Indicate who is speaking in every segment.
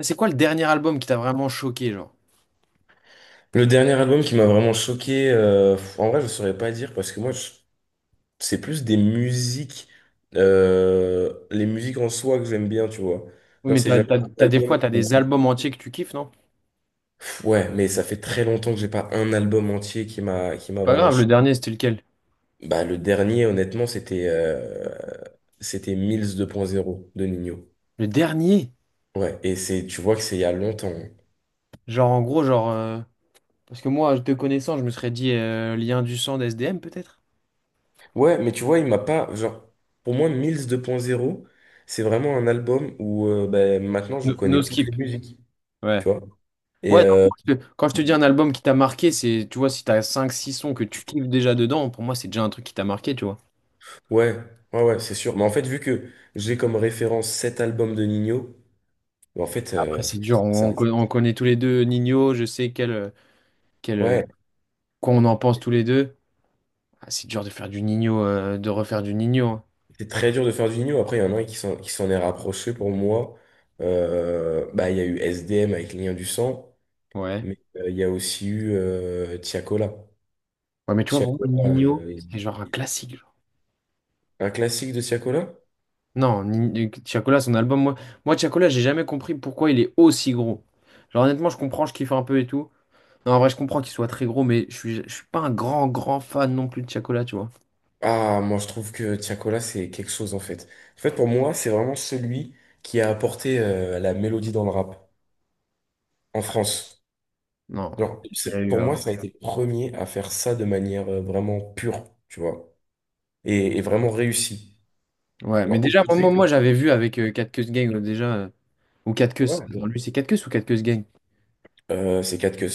Speaker 1: C'est quoi le dernier album qui t'a vraiment choqué, genre?
Speaker 2: Le dernier album qui m'a vraiment choqué, en vrai, je saurais pas dire parce que c'est plus des musiques, les musiques en soi que j'aime bien, tu vois.
Speaker 1: Oui,
Speaker 2: Genre,
Speaker 1: mais
Speaker 2: c'est
Speaker 1: t'as,
Speaker 2: jamais
Speaker 1: t'as-
Speaker 2: un
Speaker 1: t'as des fois,
Speaker 2: album
Speaker 1: t'as
Speaker 2: qui m'a
Speaker 1: des albums
Speaker 2: choqué.
Speaker 1: entiers que tu kiffes, non?
Speaker 2: Ouais, mais ça fait très longtemps que j'ai pas un album entier qui m'a qui
Speaker 1: C'est
Speaker 2: m'a
Speaker 1: pas
Speaker 2: vraiment
Speaker 1: grave, le
Speaker 2: choqué.
Speaker 1: dernier, c'était lequel?
Speaker 2: Bah, le dernier, honnêtement, c'était Mills deux point zéro de Nino.
Speaker 1: Le dernier?
Speaker 2: Ouais, et c'est, tu vois que c'est il y a longtemps, hein.
Speaker 1: Genre, en gros, genre... Parce que moi, te connaissant, je me serais dit Lien du sang d'SDM, peut-être?
Speaker 2: Ouais, mais tu vois, il m'a pas. Genre, pour moi, Mills 2.0, c'est vraiment un album où maintenant je
Speaker 1: No, No
Speaker 2: connais toutes les
Speaker 1: Skip.
Speaker 2: musiques,
Speaker 1: Ouais.
Speaker 2: tu vois.
Speaker 1: Ouais,
Speaker 2: Et
Speaker 1: non,
Speaker 2: euh,
Speaker 1: moi, quand je te dis un album qui t'a marqué, c'est, tu vois, si t'as cinq six sons que tu kiffes déjà dedans, pour moi, c'est déjà un truc qui t'a marqué, tu vois.
Speaker 2: ouais, ouais, ouais, c'est sûr. Mais en fait, vu que j'ai comme référence cet album de Nino, ben, en fait,
Speaker 1: Après,
Speaker 2: euh,
Speaker 1: c'est dur,
Speaker 2: ça,
Speaker 1: on connaît tous les deux Nino, je sais quel,
Speaker 2: ouais,
Speaker 1: quoi on en pense tous les deux. Ah, c'est dur de faire du Nino, de refaire du Nino.
Speaker 2: c'est très dur de faire du Nino. Après, il y en a un qui s'en est rapproché pour moi. Il y a eu SDM avec Lien du sang,
Speaker 1: Ouais.
Speaker 2: mais il y a aussi eu Tiakola.
Speaker 1: Ouais, mais tu vois, pour moi,
Speaker 2: Tiakola,
Speaker 1: Nino,
Speaker 2: euh,
Speaker 1: c'est genre un classique, genre.
Speaker 2: un classique de Tiakola?
Speaker 1: Non, Tiakola, son album, moi, moi Tiakola, j'ai jamais compris pourquoi il est aussi gros. Genre, honnêtement, je comprends, je kiffe un peu et tout. Non, en vrai, je comprends qu'il soit très gros, mais je suis pas un grand, grand fan non plus de Tiakola, tu vois.
Speaker 2: Ah, moi je trouve que Tiakola c'est quelque chose en fait. En fait pour moi c'est vraiment celui qui a apporté la mélodie dans le rap en France.
Speaker 1: Non, il y a eu
Speaker 2: Pour moi
Speaker 1: avant.
Speaker 2: ça a été le premier à faire ça de manière vraiment pure, tu vois, et vraiment réussi.
Speaker 1: Ouais, mais
Speaker 2: Genre
Speaker 1: déjà, moi,
Speaker 2: aujourd'hui,
Speaker 1: moi,
Speaker 2: quand-
Speaker 1: moi, j'avais vu avec Cat Keus Gang, déjà, ou Cat
Speaker 2: ouais,
Speaker 1: Keus. Attends, lui,
Speaker 2: ouais.
Speaker 1: c'est Cat Keus ou Cat Keus Gang?
Speaker 2: C'est 4 queues.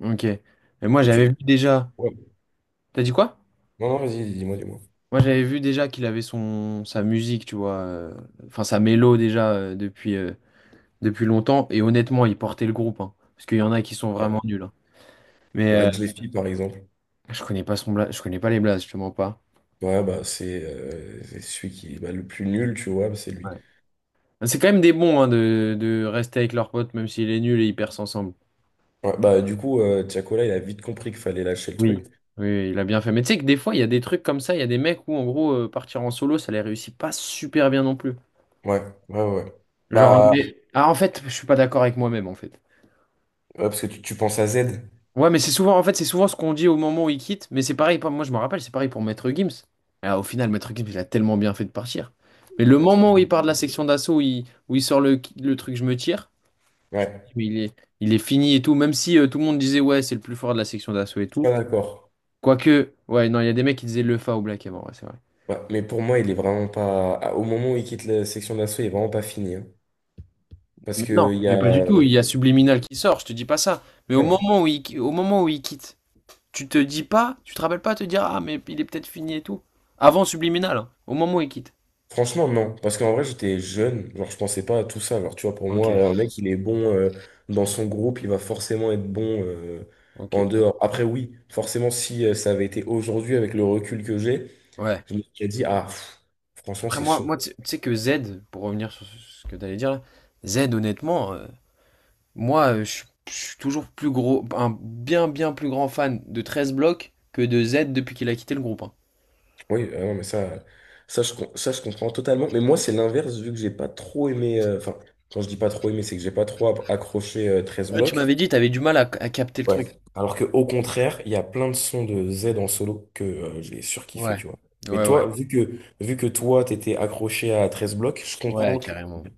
Speaker 1: Ok. Et moi,
Speaker 2: Et
Speaker 1: j'avais vu
Speaker 2: tu...
Speaker 1: déjà.
Speaker 2: ouais.
Speaker 1: T'as dit quoi?
Speaker 2: Non, non, vas-y, dis-moi, dis-moi.
Speaker 1: Moi, j'avais vu déjà qu'il avait son sa musique, tu vois, enfin sa mélo déjà depuis longtemps. Et honnêtement, il portait le groupe, hein, parce qu'il y en a qui sont
Speaker 2: Ouais.
Speaker 1: vraiment nuls, hein. Mais
Speaker 2: Bah, Jeffy par exemple.
Speaker 1: je connais pas je connais pas les blazes, je te mens pas.
Speaker 2: Ouais, bah c'est celui qui est bah, le plus nul, tu vois, bah, c'est
Speaker 1: Ouais.
Speaker 2: lui.
Speaker 1: C'est quand même des bons hein, de rester avec leur pote, même s'il est nul et ils percent ensemble.
Speaker 2: Ouais, bah du coup Tiakola il a vite compris qu'il fallait lâcher le
Speaker 1: Oui.
Speaker 2: truc.
Speaker 1: Oui, il a bien fait. Mais tu sais que des fois, il y a des trucs comme ça, il y a des mecs où, en gros, partir en solo, ça les réussit pas super bien non plus.
Speaker 2: Ouais, ouais, ouais, ouais. Bah,
Speaker 1: Ah, en fait, je suis pas d'accord avec moi-même, en fait.
Speaker 2: ouais, parce que tu penses à Z.
Speaker 1: Ouais, mais c'est souvent, en fait, c'est souvent ce qu'on dit au moment où il quitte. Mais c'est pareil, moi je me rappelle, c'est pareil pour Maître Gims. Ah, au final, Maître Gims, il a tellement bien fait de partir. Mais le
Speaker 2: Ouais, trop
Speaker 1: moment où il
Speaker 2: bien.
Speaker 1: part de la section d'assaut, où il sort le truc, je me tire. Je me dis,
Speaker 2: Ouais,
Speaker 1: mais il est fini et tout. Même si tout le monde disait, ouais, c'est le plus fort de la section d'assaut et
Speaker 2: je suis pas
Speaker 1: tout.
Speaker 2: d'accord.
Speaker 1: Quoique, ouais, non, il y a des mecs qui disaient le fa au Black avant, ouais, c'est vrai.
Speaker 2: Ouais, mais pour moi, il est vraiment pas. Au moment où il quitte la section d'assaut, il est vraiment pas fini, hein. Parce
Speaker 1: Mais non,
Speaker 2: que il y
Speaker 1: mais pas du
Speaker 2: a.
Speaker 1: tout. Il y a Subliminal qui sort, je te dis pas ça. Mais
Speaker 2: Ouais.
Speaker 1: au moment où il quitte, tu te dis pas, tu te rappelles pas te dire, ah, mais il est peut-être fini et tout. Avant Subliminal, hein, au moment où il quitte.
Speaker 2: Franchement, non. Parce qu'en vrai, j'étais jeune. Genre, je pensais pas à tout ça. Genre, tu vois, pour
Speaker 1: Ok,
Speaker 2: moi, un mec, il est bon dans son groupe, il va forcément être bon
Speaker 1: ok,
Speaker 2: en dehors. Après, oui, forcément, si ça avait été aujourd'hui avec le recul que j'ai,
Speaker 1: ouais.
Speaker 2: je me serais dit, ah, pff, franchement,
Speaker 1: Après,
Speaker 2: c'est
Speaker 1: moi,
Speaker 2: chaud.
Speaker 1: moi tu tu sais que Z, pour revenir sur ce que t'allais dire, là, Z, honnêtement, je suis toujours plus gros, un bien, bien plus grand fan de 13 blocs que de Z depuis qu'il a quitté le groupe, hein.
Speaker 2: Oui, ah non, mais ça, ça, je comprends totalement. Mais moi, c'est l'inverse, vu que j'ai pas trop aimé. Enfin, quand je dis pas trop aimé, c'est que j'ai pas accroché 13
Speaker 1: Ouais, tu
Speaker 2: blocs.
Speaker 1: m'avais dit, t'avais du mal à capter le
Speaker 2: Ouais.
Speaker 1: truc.
Speaker 2: Alors que, au contraire, il y a plein de sons de Z en solo que j'ai surkiffé,
Speaker 1: Ouais,
Speaker 2: tu vois.
Speaker 1: ouais,
Speaker 2: Mais
Speaker 1: ouais,
Speaker 2: toi, vu que toi, t'étais accroché à 13 blocs,
Speaker 1: ouais, carrément.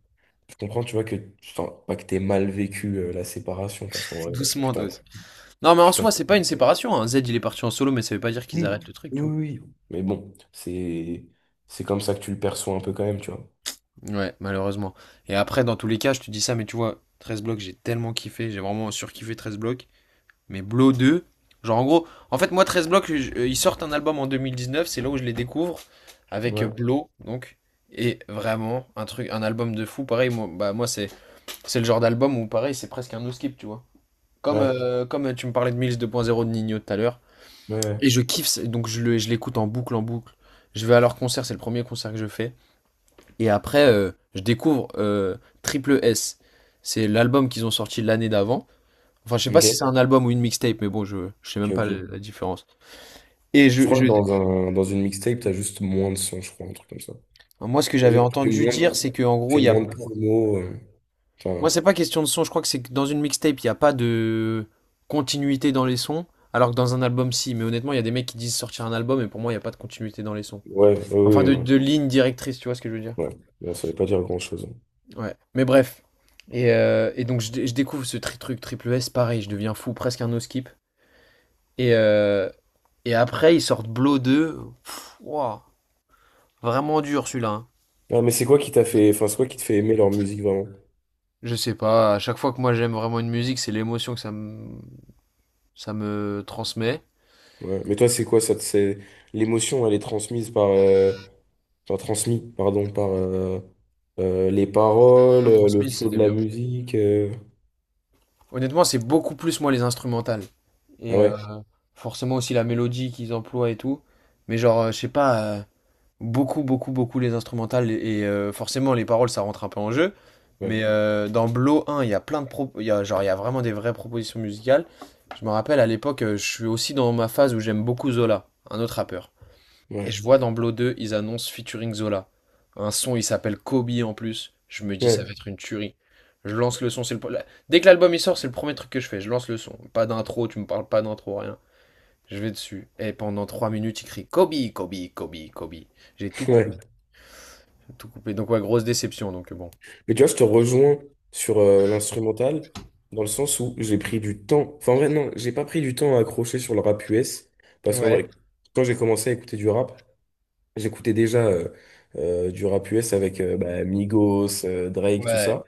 Speaker 2: je comprends, tu vois, que, enfin, pas que t'aies mal vécu la séparation, parce qu'en vrai, tu
Speaker 1: Doucement, toi
Speaker 2: t'en,
Speaker 1: aussi. Non, mais en
Speaker 2: tu t'en
Speaker 1: soi, c'est pas une séparation, hein. Z, il est parti en solo, mais ça veut pas dire qu'ils
Speaker 2: oui,
Speaker 1: arrêtent le truc, tu vois.
Speaker 2: oui, oui. Mais bon, c'est comme ça que tu le perçois un peu quand même, tu vois.
Speaker 1: Ouais, malheureusement. Et après, dans tous les cas, je te dis ça, mais tu vois, 13 blocs, j'ai tellement kiffé, j'ai vraiment surkiffé 13 blocs. Mais Blow 2, genre en gros, en fait, moi, 13 blocs, ils sortent un album en 2019, c'est là où je les découvre, avec
Speaker 2: Ouais.
Speaker 1: Blow, donc. Et vraiment, un truc, un album de fou, pareil, moi, bah, moi c'est le genre d'album où, pareil, c'est presque un no-skip, tu vois. Comme,
Speaker 2: Ouais,
Speaker 1: euh, comme euh, tu me parlais de Mills 2.0 de Nino tout à l'heure.
Speaker 2: ouais, ouais.
Speaker 1: Et je kiffe, donc je l'écoute en boucle, en boucle. Je vais à leur concert, c'est le premier concert que je fais. Et après, je découvre Triple S. C'est l'album qu'ils ont sorti l'année d'avant. Enfin, je sais pas si c'est
Speaker 2: Ok,
Speaker 1: un album ou une mixtape, mais bon, je sais
Speaker 2: ok,
Speaker 1: même pas
Speaker 2: ok.
Speaker 1: la différence. Et
Speaker 2: Je crois que dans une mixtape, t'as juste moins de sons, je crois, un truc comme ça.
Speaker 1: moi, ce que
Speaker 2: Et
Speaker 1: j'avais
Speaker 2: genre,
Speaker 1: entendu dire, c'est que en gros,
Speaker 2: tu fais
Speaker 1: il y a.
Speaker 2: moins de promos. euh,
Speaker 1: Moi,
Speaker 2: Enfin,
Speaker 1: c'est pas question de son. Je crois que c'est que dans une mixtape, il n'y a pas de continuité dans les sons, alors que dans un album, si. Mais honnêtement, il y a des mecs qui disent sortir un album, et pour moi, il n'y a pas de continuité dans les sons.
Speaker 2: ouais, ouais,
Speaker 1: Enfin,
Speaker 2: ouais, ouais.
Speaker 1: de ligne directrice, tu vois ce que je veux dire?
Speaker 2: Ouais, ouais, ça veut pas dire grand-chose.
Speaker 1: Ouais. Mais bref. Et donc, je découvre ce truc triple S, pareil, je deviens fou, presque un no skip. Et, euh, et après, ils sortent Blow 2. Pff, ouah, vraiment dur celui-là, hein.
Speaker 2: Ah, mais c'est quoi qui t'a fait, enfin, c'est quoi qui te fait aimer leur musique vraiment?
Speaker 1: Je sais pas, à chaque fois que moi j'aime vraiment une musique, c'est l'émotion que ça me transmet.
Speaker 2: Ouais. Mais toi, c'est quoi ça, te- c'est l'émotion, elle est transmise par, enfin, transmise, pardon, par les paroles,
Speaker 1: Non,
Speaker 2: le
Speaker 1: transmise,
Speaker 2: flow de
Speaker 1: c'était
Speaker 2: la
Speaker 1: bien.
Speaker 2: musique, euh.
Speaker 1: Honnêtement, c'est beaucoup plus moi les instrumentales.
Speaker 2: Ah
Speaker 1: Et
Speaker 2: ouais,
Speaker 1: forcément aussi la mélodie qu'ils emploient et tout. Mais je sais pas, beaucoup, beaucoup, beaucoup les instrumentales. Et, forcément, les paroles, ça rentre un peu en jeu.
Speaker 2: ouais,
Speaker 1: Mais dans Blow 1, il y a il y a, genre, il y a vraiment des vraies propositions musicales. Je me rappelle à l'époque, je suis aussi dans ma phase où j'aime beaucoup Zola, un autre rappeur. Et
Speaker 2: ouais,
Speaker 1: je vois dans Blow 2, ils annoncent featuring Zola. Un son, il s'appelle Kobe en plus. Je me dis, ça va
Speaker 2: ouais,
Speaker 1: être une tuerie. Je lance le son, c'est le... pre- la- dès que l'album il sort, c'est le premier truc que je fais. Je lance le son. Pas d'intro, tu me parles pas d'intro, rien. Je vais dessus. Et pendant 3 minutes, il crie Kobe, Kobe, Kobe, Kobe. J'ai tout coupé.
Speaker 2: ouais.
Speaker 1: Tout coupé. Donc ouais, grosse déception. Donc bon.
Speaker 2: Mais tu vois, je te rejoins sur l'instrumental, dans le sens où j'ai pris du temps. Enfin, en vrai, non, j'ai pas pris du temps à accrocher sur le rap US, parce qu'en
Speaker 1: Ouais,
Speaker 2: vrai, quand j'ai commencé à écouter du rap, j'écoutais déjà du rap US avec Migos, Drake, tout
Speaker 1: ouais.
Speaker 2: ça.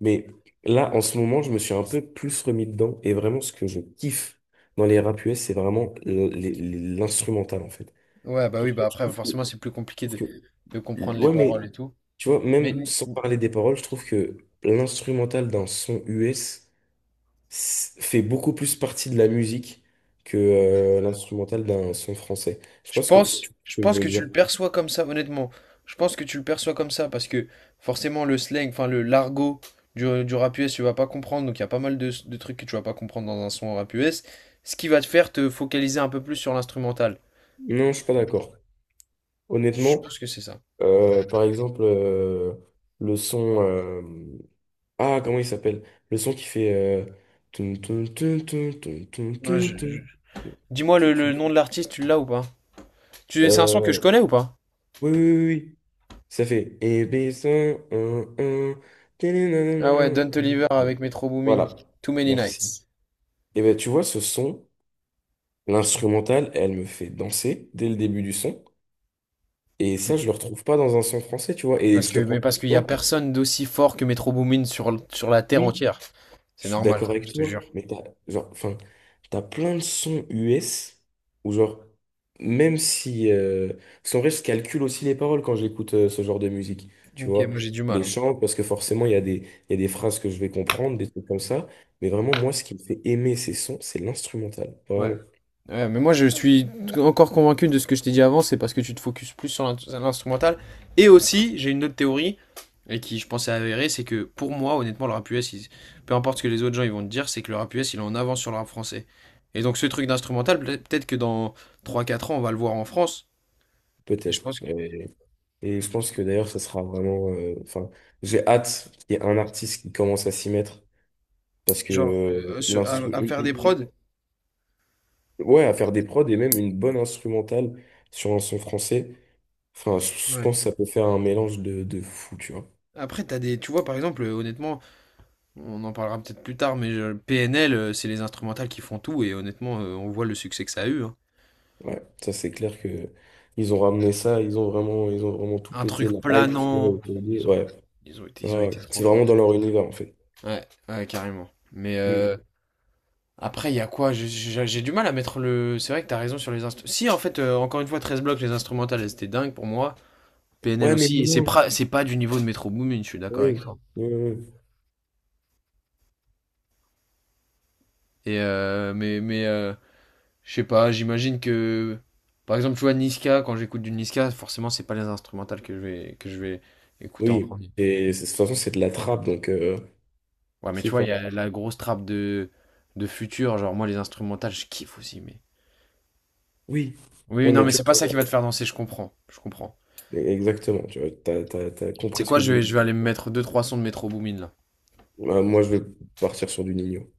Speaker 2: Mais là, en ce moment, je me suis un peu plus remis dedans, et vraiment, ce que je kiffe dans les rap US, c'est vraiment l'instrumental, en fait.
Speaker 1: Ouais, bah oui,
Speaker 2: Surtout,
Speaker 1: bah
Speaker 2: Je
Speaker 1: après,
Speaker 2: trouve que,
Speaker 1: forcément, c'est plus
Speaker 2: je
Speaker 1: compliqué
Speaker 2: trouve que
Speaker 1: de comprendre les
Speaker 2: Ouais,
Speaker 1: paroles
Speaker 2: mais
Speaker 1: et tout.
Speaker 2: tu vois,
Speaker 1: Mais,
Speaker 2: même sans parler des paroles, je trouve que l'instrumental d'un son US fait beaucoup plus partie de la musique que l'instrumental d'un son français. Je
Speaker 1: je
Speaker 2: pense que si
Speaker 1: pense,
Speaker 2: tu
Speaker 1: je
Speaker 2: vois ce que
Speaker 1: pense
Speaker 2: je veux
Speaker 1: que tu
Speaker 2: dire.
Speaker 1: le perçois comme ça, honnêtement. Je pense que tu le perçois comme ça parce que forcément le slang, enfin le l'argot du rap US, tu vas pas comprendre. Donc il y a pas mal de trucs que tu vas pas comprendre dans un son rap US. Ce qui va te faire te focaliser un peu plus sur l'instrumental.
Speaker 2: Non, je suis pas d'accord.
Speaker 1: Je
Speaker 2: Honnêtement,
Speaker 1: pense que c'est ça.
Speaker 2: par exemple, le son, ah, comment il s'appelle? Le son qui fait, toun, toun, toun, toun, toun, toun,
Speaker 1: Ouais,
Speaker 2: toun, toun.
Speaker 1: dis-moi
Speaker 2: Tu-
Speaker 1: le
Speaker 2: tu-
Speaker 1: nom de l'artiste, tu l'as ou pas? Tu, c'est un son que
Speaker 2: euh,
Speaker 1: je connais ou pas?
Speaker 2: Oui, oui, oui, oui. Ça fait et baissons, un,
Speaker 1: Ah ouais, Don Toliver avec Metro Boomin,
Speaker 2: voilà,
Speaker 1: Too Many
Speaker 2: merci.
Speaker 1: Nights.
Speaker 2: Et ben tu vois, ce son, l'instrumental, elle me fait danser dès le début du son. Et
Speaker 1: Mais
Speaker 2: ça, je le retrouve pas dans un son français, tu vois. Et
Speaker 1: parce
Speaker 2: je
Speaker 1: que,
Speaker 2: te prends.
Speaker 1: mais parce qu'il y a
Speaker 2: Un.
Speaker 1: personne d'aussi fort que Metro Boomin sur la terre entière.
Speaker 2: Je
Speaker 1: C'est
Speaker 2: suis
Speaker 1: normal,
Speaker 2: d'accord
Speaker 1: frère,
Speaker 2: avec
Speaker 1: je te jure.
Speaker 2: toi, mais t'as, genre, enfin, t'as plein de sons US où, genre, même si, parce qu'en vrai, je calcule aussi les paroles quand j'écoute ce genre de musique, tu
Speaker 1: Ok,
Speaker 2: vois.
Speaker 1: moi j'ai du mal,
Speaker 2: Les
Speaker 1: hein.
Speaker 2: chants, parce que forcément, il y a des phrases que je vais comprendre, des trucs comme ça. Mais vraiment, moi, ce qui me fait aimer ces sons, c'est l'instrumental.
Speaker 1: Ouais.
Speaker 2: Vraiment,
Speaker 1: Ouais, mais moi je suis encore convaincu de ce que je t'ai dit avant, c'est parce que tu te focuses plus sur l'instrumental. Et aussi, j'ai une autre théorie, et qui je pensais avérée, c'est que pour moi, honnêtement, le rap US, peu importe ce que les autres gens ils vont te dire, c'est que le rap US il est en avance sur le rap français. Et donc ce truc d'instrumental, peut-être que dans trois quatre ans, on va le voir en France. Mais je
Speaker 2: peut-être.
Speaker 1: pense que,
Speaker 2: Et je pense que d'ailleurs, ça sera vraiment. Enfin, j'ai hâte qu'il y ait un artiste qui commence à s'y mettre. Parce que
Speaker 1: genre,
Speaker 2: l'instru.
Speaker 1: à faire des prods.
Speaker 2: Ouais, à faire des prods et même une bonne instrumentale sur un son français. Enfin, je
Speaker 1: Ouais.
Speaker 2: pense que ça peut faire un mélange de fou, tu vois.
Speaker 1: Après, t'as des. Tu vois, par exemple, honnêtement, on en parlera peut-être plus tard, mais PNL, c'est les instrumentales qui font tout, et honnêtement, on voit le succès que ça a eu, hein.
Speaker 2: Ouais, ça c'est clair que ils ont ramené ça, ils ont vraiment tout
Speaker 1: Un
Speaker 2: pété,
Speaker 1: truc
Speaker 2: la hype qu'il y a
Speaker 1: planant.
Speaker 2: autour d'eux.
Speaker 1: Ils ont,
Speaker 2: Ouais, ouais,
Speaker 1: ils ont
Speaker 2: ouais,
Speaker 1: été trop
Speaker 2: c'est vraiment
Speaker 1: forts.
Speaker 2: dans leur univers en fait.
Speaker 1: Ouais, ouais, carrément. Mais
Speaker 2: Mm.
Speaker 1: après, il y a quoi? J'ai du mal à mettre le. C'est vrai que t'as raison sur les instruments. Si, en fait, encore une fois, 13 blocs, les instrumentales, elles étaient dingues pour moi. PNL
Speaker 2: Ouais, mais
Speaker 1: aussi. Et
Speaker 2: moins.
Speaker 1: c'est pas du niveau de Metro Boomin, je suis d'accord
Speaker 2: Oui,
Speaker 1: avec toi.
Speaker 2: oui, oui.
Speaker 1: Et je sais pas, j'imagine que. Par exemple, tu vois, Niska, quand j'écoute du Niska, forcément, c'est pas les instrumentales que que je vais écouter en
Speaker 2: Oui. Oui,
Speaker 1: premier.
Speaker 2: De toute façon, c'est de la trappe,
Speaker 1: Ouais, mais tu
Speaker 2: c'est
Speaker 1: vois,
Speaker 2: pas.
Speaker 1: il y a la grosse trappe de futur. Genre, moi, les instrumentales, je kiffe aussi, mais.
Speaker 2: Oui.
Speaker 1: Oui,
Speaker 2: Ouais,
Speaker 1: non,
Speaker 2: mais
Speaker 1: mais
Speaker 2: tu
Speaker 1: c'est pas
Speaker 2: vois,
Speaker 1: ça qui va te faire danser, je comprends. Je comprends.
Speaker 2: exactement, tu vois, t'as
Speaker 1: C'est
Speaker 2: compris ce
Speaker 1: quoi,
Speaker 2: que je voulais
Speaker 1: je vais
Speaker 2: dire.
Speaker 1: aller me mettre deux trois sons de Metro Boomin, là.
Speaker 2: Moi, je vais partir sur du Nino.